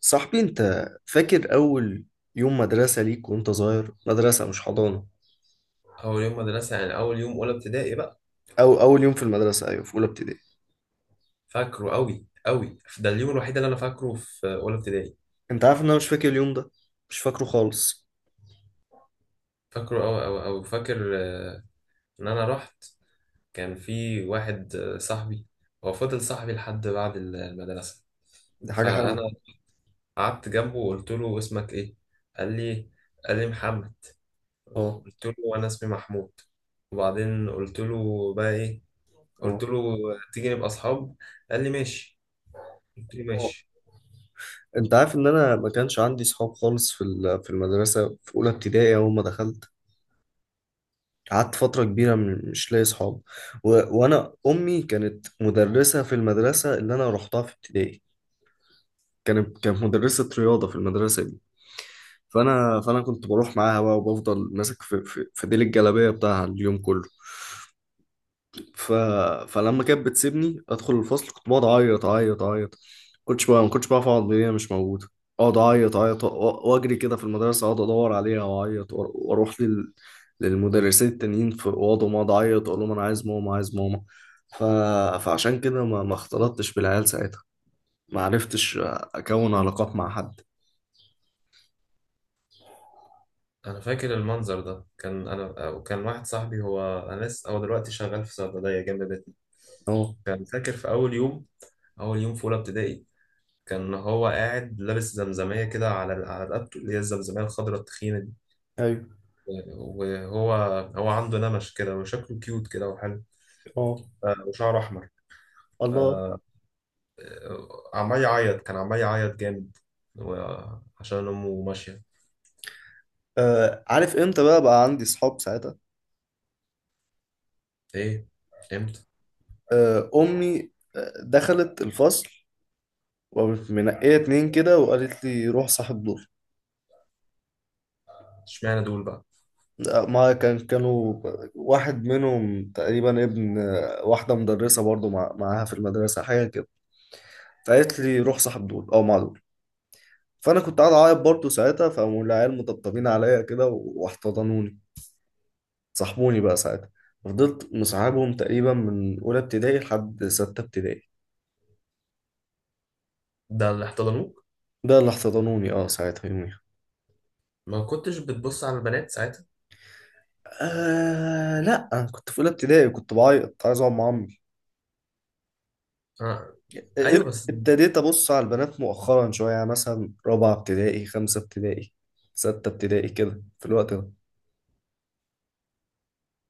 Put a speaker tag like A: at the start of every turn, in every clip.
A: صاحبي انت فاكر اول يوم مدرسة ليك وانت صغير؟ مدرسة مش حضانة
B: اول يوم مدرسه يعني اول يوم اولى ابتدائي بقى.
A: او اول يوم في المدرسة، ايوه في اولى ابتدائي.
B: فاكره قوي، ده اليوم الوحيد اللي انا فاكره في اولى ابتدائي.
A: انت عارف ان انا مش فاكر اليوم ده؟ مش فاكره خالص.
B: فاكره قوي فاكر ان انا رحت. كان في واحد صاحبي، هو فضل صاحبي لحد بعد المدرسه.
A: دي حاجة
B: فانا
A: حلوة.
B: قعدت جنبه وقلت له اسمك ايه؟ قال لي قال لي محمد.
A: اه.
B: قلت له انا اسمي محمود. وبعدين قلت له بقى ايه؟ قلت
A: اه.
B: له تيجي نبقى اصحاب؟ قال لي ماشي، قلت له
A: اه.
B: ماشي.
A: انت عارف ان انا ما كانش عندي صحاب خالص في المدرسة في اولى ابتدائي اول ما دخلت. قعدت فترة كبيرة مش لاقي صحاب و... وانا امي كانت مدرسة في المدرسة اللي انا رحتها في ابتدائي. كانت مدرسة رياضة في المدرسة دي. فأنا كنت بروح معاها بقى وبفضل ماسك في ديل الجلابية بتاعها اليوم كله. ف... فلما كانت بتسيبني أدخل الفصل كنت بقعد أعيط. كنتش بقى ما كنتش بعرف أقعد إن هي مش موجودة. أقعد أعيط وأجري كده في المدرسة، أقعد أدور عليها وأعيط للمدرسين التانيين في أوضهم أقعد أعيط أقول لهم أنا عايز ماما، عايز ماما. ف... فعشان كده ما اختلطتش بالعيال ساعتها. ما عرفتش أكون علاقات مع حد.
B: انا فاكر المنظر ده، كان انا وكان واحد صاحبي، هو انا لسه هو دلوقتي شغال في صيدليه جنب بيتنا.
A: اه.
B: كان فاكر في اول يوم، اول يوم في اولى ابتدائي. كان هو قاعد لابس زمزميه كده على على رقبته، اللي هي الزمزميه الخضراء التخينه دي.
A: ايوه.
B: وهو هو عنده نمش كده وشكله كيوت كده وحلو.
A: اه.
B: وشعره احمر.
A: الله.
B: آه، عمال يعيط، كان عمال يعيط جامد و- عشان امه ماشيه.
A: آه، عارف امتى بقى عندي صحاب ساعتها؟
B: ايه؟ امتى؟
A: آه امي، دخلت الفصل وقامت منقيه اتنين كده وقالت لي روح صاحب دول.
B: اشمعنى دول بقى؟
A: ما كان، كانوا واحد منهم تقريبا ابن واحده مدرسه برضو مع معاها في المدرسه حاجه كده. فقالت لي روح صاحب دول او مع دول. فانا كنت قاعد اعيط برضو ساعتها، فقاموا العيال مطبطبين عليا كده واحتضنوني. صاحبوني بقى ساعتها. فضلت مصاحبهم تقريبا من اولى ابتدائي لحد سته ابتدائي.
B: ده اللي احتضنوك؟
A: ده اللي احتضنوني، اه ساعتها يوميها.
B: ما كنتش بتبص على البنات ساعتها؟
A: آه لا، انا كنت في اولى ابتدائي كنت بعيط عايز اقعد مع عمي.
B: آه. ايوه بس
A: ابتديت ابص على البنات مؤخرا شويه، يعني مثلا رابعه ابتدائي، خمسه ابتدائي، سته ابتدائي كده في الوقت ده.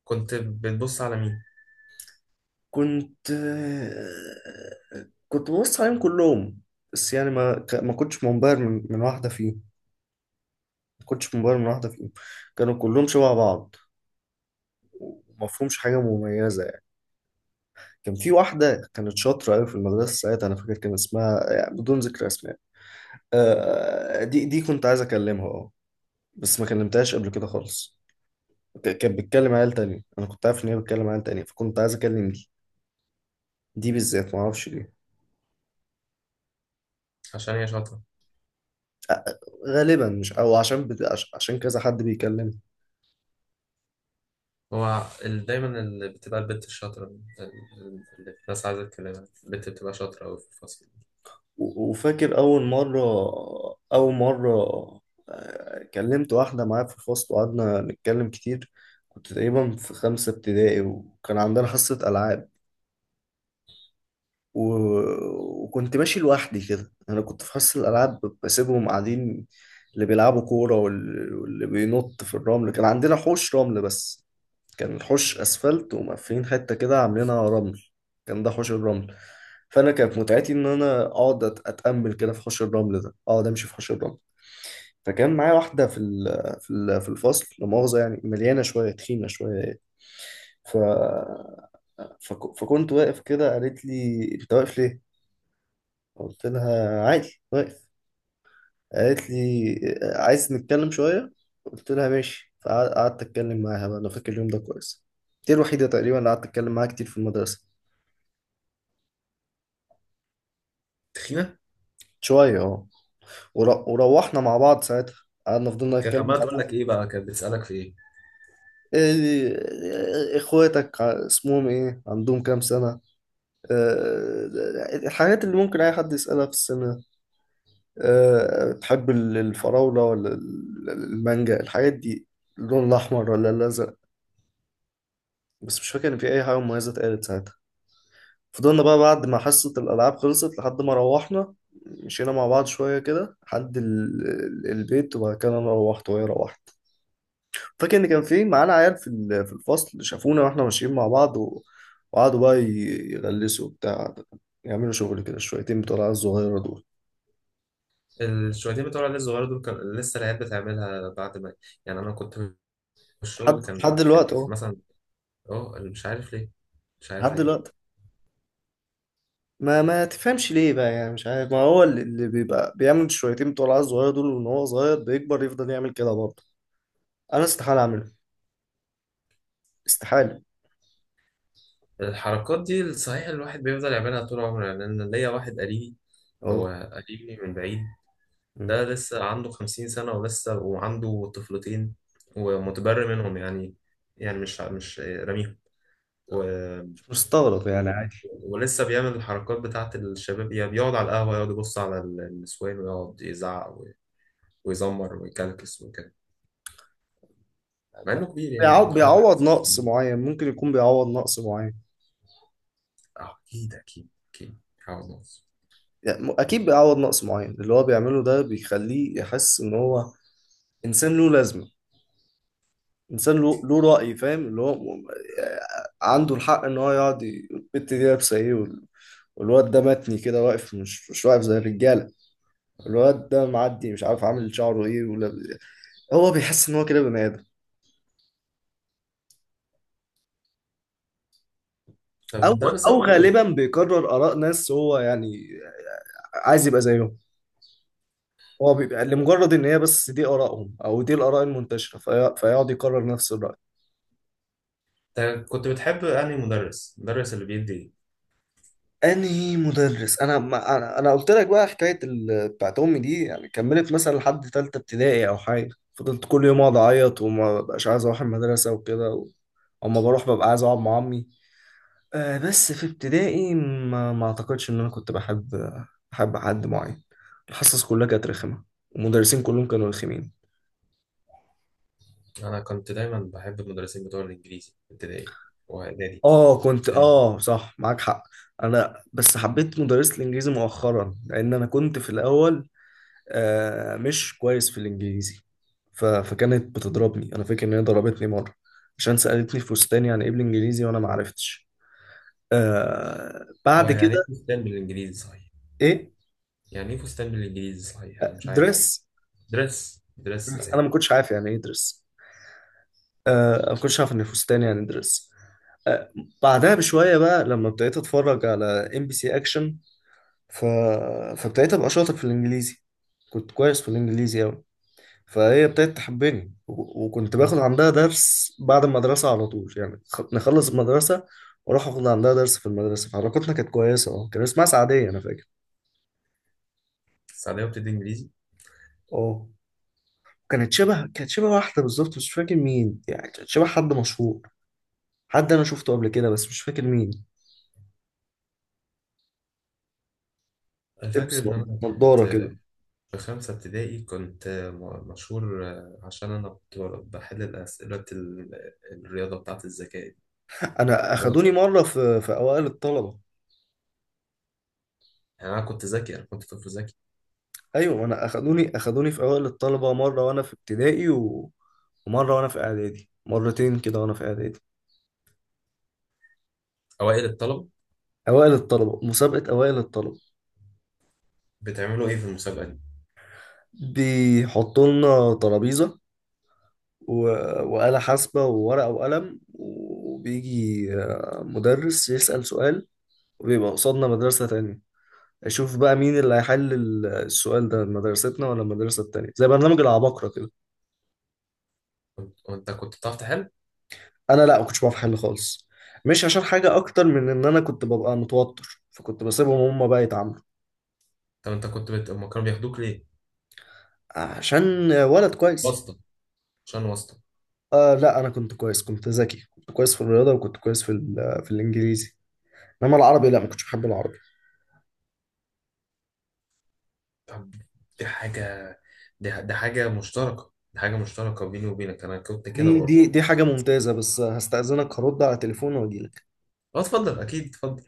B: كنت بتبص على مين؟
A: كنت آه، كنت ببص عليهم كلهم. بس يعني ما كنتش منبهر من واحده فيهم. ما كنتش منبهر من واحده فيهم. كانوا كلهم شبه بعض وما فيهمش حاجه مميزه يعني. كان في واحده كانت شاطره قوي في المدرسه ساعتها، انا فاكر كان اسمها، يعني بدون ذكر اسماء، دي كنت عايز اكلمها اه. بس ما كلمتهاش قبل كده خالص. كانت بتكلم عيال تانية، انا كنت عارف ان هي بتكلم عيال تانية فكنت عايز اكلم دي. دي بالذات ما اعرفش ليه.
B: عشان هي شاطرة؟
A: آه، غالبا مش او عشان كذا حد بيكلمني.
B: هو دايما اللي بتبقى البنت الشاطرة اللي الناس عايزة تكلمها، البنت بتبقى شاطرة أوي في الفصل.
A: وفاكر اول مرة، اول مرة، كلمت واحدة معايا في الفصل وقعدنا نتكلم كتير. كنت تقريبا في خمسة ابتدائي وكان عندنا حصة ألعاب و... وكنت ماشي لوحدي كده. انا كنت في حصة الالعاب بسيبهم قاعدين، اللي بيلعبوا كورة واللي بينط في الرمل. كان عندنا حوش رمل بس، كان الحوش اسفلت ومقفلين حتة كده عاملينها رمل، كان ده حوش الرمل. فانا كانت متعتي ان انا اقعد اتامل كده في حوش الرمل ده، اقعد امشي في حوش الرمل. فكان معايا واحدة في الفصل لا مؤاخذة يعني مليانة شوية، تخينة شوية. ف... فكنت واقف كده قالت لي انت واقف ليه؟ قلت لها عادي واقف. قالت لي عايز نتكلم شوية؟ قلت لها ماشي، فقعدت أتكلم معاها بقى. أنا فاكر اليوم ده كويس. دي الوحيدة تقريبا اللي قعدت أتكلم معاها كتير في المدرسة.
B: تخينه؟
A: شوية اه. وروحنا مع بعض ساعتها، قعدنا فضلنا
B: كانت
A: نتكلم
B: عماله
A: مع
B: تقول لك
A: بعض.
B: ايه بقى، كانت بتسالك في ايه؟
A: إيه- إيه، إخواتك اسمهم إيه، عندهم كام سنة، آه، الحاجات اللي ممكن أي حد يسألها في السنة ده. بتحب الفراولة ولا المانجا، الحاجات دي، اللون الأحمر ولا الأزرق. بس مش فاكر ان في اي حاجه مميزه اتقالت ساعتها. فضلنا بقى بعد ما حصه الالعاب خلصت لحد ما روحنا، مشينا مع بعض شويه كده لحد البيت، وبعد كده انا روحت وهي روحت. فاكر ان كان في معانا عيال في الفصل شافونا واحنا ماشيين مع بعض وقعدوا بقى يغلسوا بتاع، يعملوا شغل كده شويتين بتوع العيال الصغيره دول.
B: الشويتين بتوع العيال الصغيرة دول كان لسه العيال بتعملها بعد ما، يعني أنا كنت في
A: لحد
B: الشغل،
A: لحد
B: كان كان
A: دلوقتي
B: في
A: اهو،
B: مثلا. أه مش عارف ليه، مش
A: لحد
B: عارف ليه.
A: دلوقتي. ما تفهمش ليه بقى يعني، مش عارف. ما هو اللي بيبقى بيعمل شويتين بتوع العيال الصغيره دول وان هو صغير بيكبر يفضل يعمل كده برضه. انا استحاله اعمل، استحالة.
B: الحركات دي صحيح الواحد بيفضل يعملها طول عمره. يعني أنا ليا واحد قريبي، هو
A: اه.
B: قريبي من بعيد.
A: مم.
B: ده لسه عنده 50 سنة ولسه وعنده طفلتين ومتبرئ منهم يعني، يعني مش راميهم. و...
A: مش مستغرق
B: و...
A: يعني، عادي.
B: ولسه بيعمل الحركات بتاعت الشباب، يعني بيقعد على القهوة، يقعد يبص على النسوان ويقعد يزعق و... ويزمر ويكلكس وكده، مع إنه كبير يعني عنده حاجة.
A: بيعوض نقص معين، ممكن يكون بيعوض نقص معين.
B: أكيد، عاوز نقص.
A: يعني أكيد بيعوض نقص معين. اللي هو بيعمله ده بيخليه يحس إن هو إنسان له لازمة، إنسان له رأي فاهم اللي هو آه، عنده الحق إن هو يقعد البت دي لابسة إيه والواد ده متني كده واقف مش، مش واقف زي الرجالة، الواد ده معدي مش عارف عامل شعره إيه ولا، هو بيحس إن هو كده بني آدم. أو،
B: طب ده بسبب
A: أو
B: إيه؟
A: غالبا بيكرر آراء ناس، هو يعني عايز يبقى زيهم. هو بيبقى لمجرد ان هي بس دي ارائهم او دي الاراء المنتشره فيقعد يكرر نفس الراي.
B: أنت كنت بتحب أنهي مدرس؟ المدرس اللي بيدي إيه؟
A: انهي مدرس؟ انا ما انا أنا قلت لك بقى حكايه بتاعت امي دي، يعني كملت مثلا لحد ثالثه ابتدائي او حاجه فضلت كل يوم اقعد اعيط وما بقاش عايز اروح المدرسه وكده اما بروح ببقى عايز اقعد مع عمي. آه بس في ابتدائي ما اعتقدش ان انا كنت بحب، بحب حد معين. الحصص كلها كانت رخمه، المدرسين كلهم كانوا رخمين.
B: أنا كنت دايما بحب المدرسين بتوع الإنجليزي في ابتدائي وإعدادي.
A: اه كنت اه، صح معاك حق. انا بس حبيت مدرسة الانجليزي مؤخرا لان انا كنت في الاول آه مش كويس في الانجليزي. فكانت بتضربني، انا فاكر ان هي ضربتني مرة عشان سألتني في فستان يعني ايه بالانجليزي وانا ما عرفتش. آه بعد
B: ويعني
A: كده.
B: ايه فستان بالانجليزي صحيح؟
A: ايه
B: يعني ايه فستان بالانجليزي صحيح؟ انا مش عارف.
A: دريس؟
B: درس، درس،
A: دريس، انا
B: ايوه.
A: ما كنتش عارف يعني ايه دريس. آه ما كنتش عارف ان الفستان يعني دريس. آه. بعدها بشوية بقى لما ابتديت اتفرج على ام بي سي اكشن، ف... فابتديت ابقى شاطر في الانجليزي، كنت كويس في الانجليزي قوي. فهي ابتدت تحبني وكنت باخد عندها درس بعد المدرسه على طول، يعني نخلص المدرسه واروح اخد عندها درس في المدرسه. فعلاقتنا كانت كويسه اه. كان اسمها سعديه انا فاكر.
B: السعودية بتدي انجليزي؟
A: اه. كانت شبه واحده بالظبط مش فاكر مين، يعني كانت شبه حد مشهور، حد انا شفته قبل كده بس مش فاكر مين.
B: انا فاكر
A: تلبس
B: ان انا كنت
A: نضاره كده.
B: في 5 ابتدائي، كنت مشهور عشان انا كنت بحل اسئلة الرياضة بتاعة الذكاء دي.
A: انا
B: اللي هو-
A: اخدوني مره في اوائل الطلبه.
B: يعني انا كنت ذكي، انا كنت طفل ذكي.
A: ايوه انا اخدوني في اوائل الطلبه مره وانا في ابتدائي ومره وانا في اعدادي، مرتين كده وانا في اعدادي.
B: اوائل الطلبة،
A: اوائل الطلبه، مسابقه اوائل الطلبه.
B: بتعملوا ايه في المسابقة دي؟
A: بيحطوا لنا ترابيزه و... وآلة حاسبه وورقه وقلم، وبيجي مدرس يسأل سؤال وبيبقى قصادنا مدرسه تانية، اشوف بقى مين اللي هيحل السؤال ده، مدرستنا ولا المدرسه التانية، زي برنامج العباقرة كده.
B: كنت، وانت كنت بتعرف تحل؟
A: انا لا ما كنتش بعرف احل خالص، مش عشان حاجه اكتر من ان انا كنت ببقى متوتر فكنت بسيبهم هم بقى يتعاملوا.
B: طب انت كنت أما كانوا بياخدوك ليه؟
A: عشان ولد كويس.
B: واسطة؟ عشان واسطة.
A: آه لا انا كنت كويس، كنت ذكي، كنت كويس في الرياضه وكنت كويس في الانجليزي. انما العربي لا ما كنتش بحب العربي.
B: طب دي حاجة، دي حاجة مشتركة، دي حاجة مشتركة بيني وبينك، أنا كنت كده
A: دي
B: برضه.
A: دي دي حاجه ممتازه بس هستأذنك هرد على تليفون واجيلك.
B: اه اتفضل، أكيد اتفضل.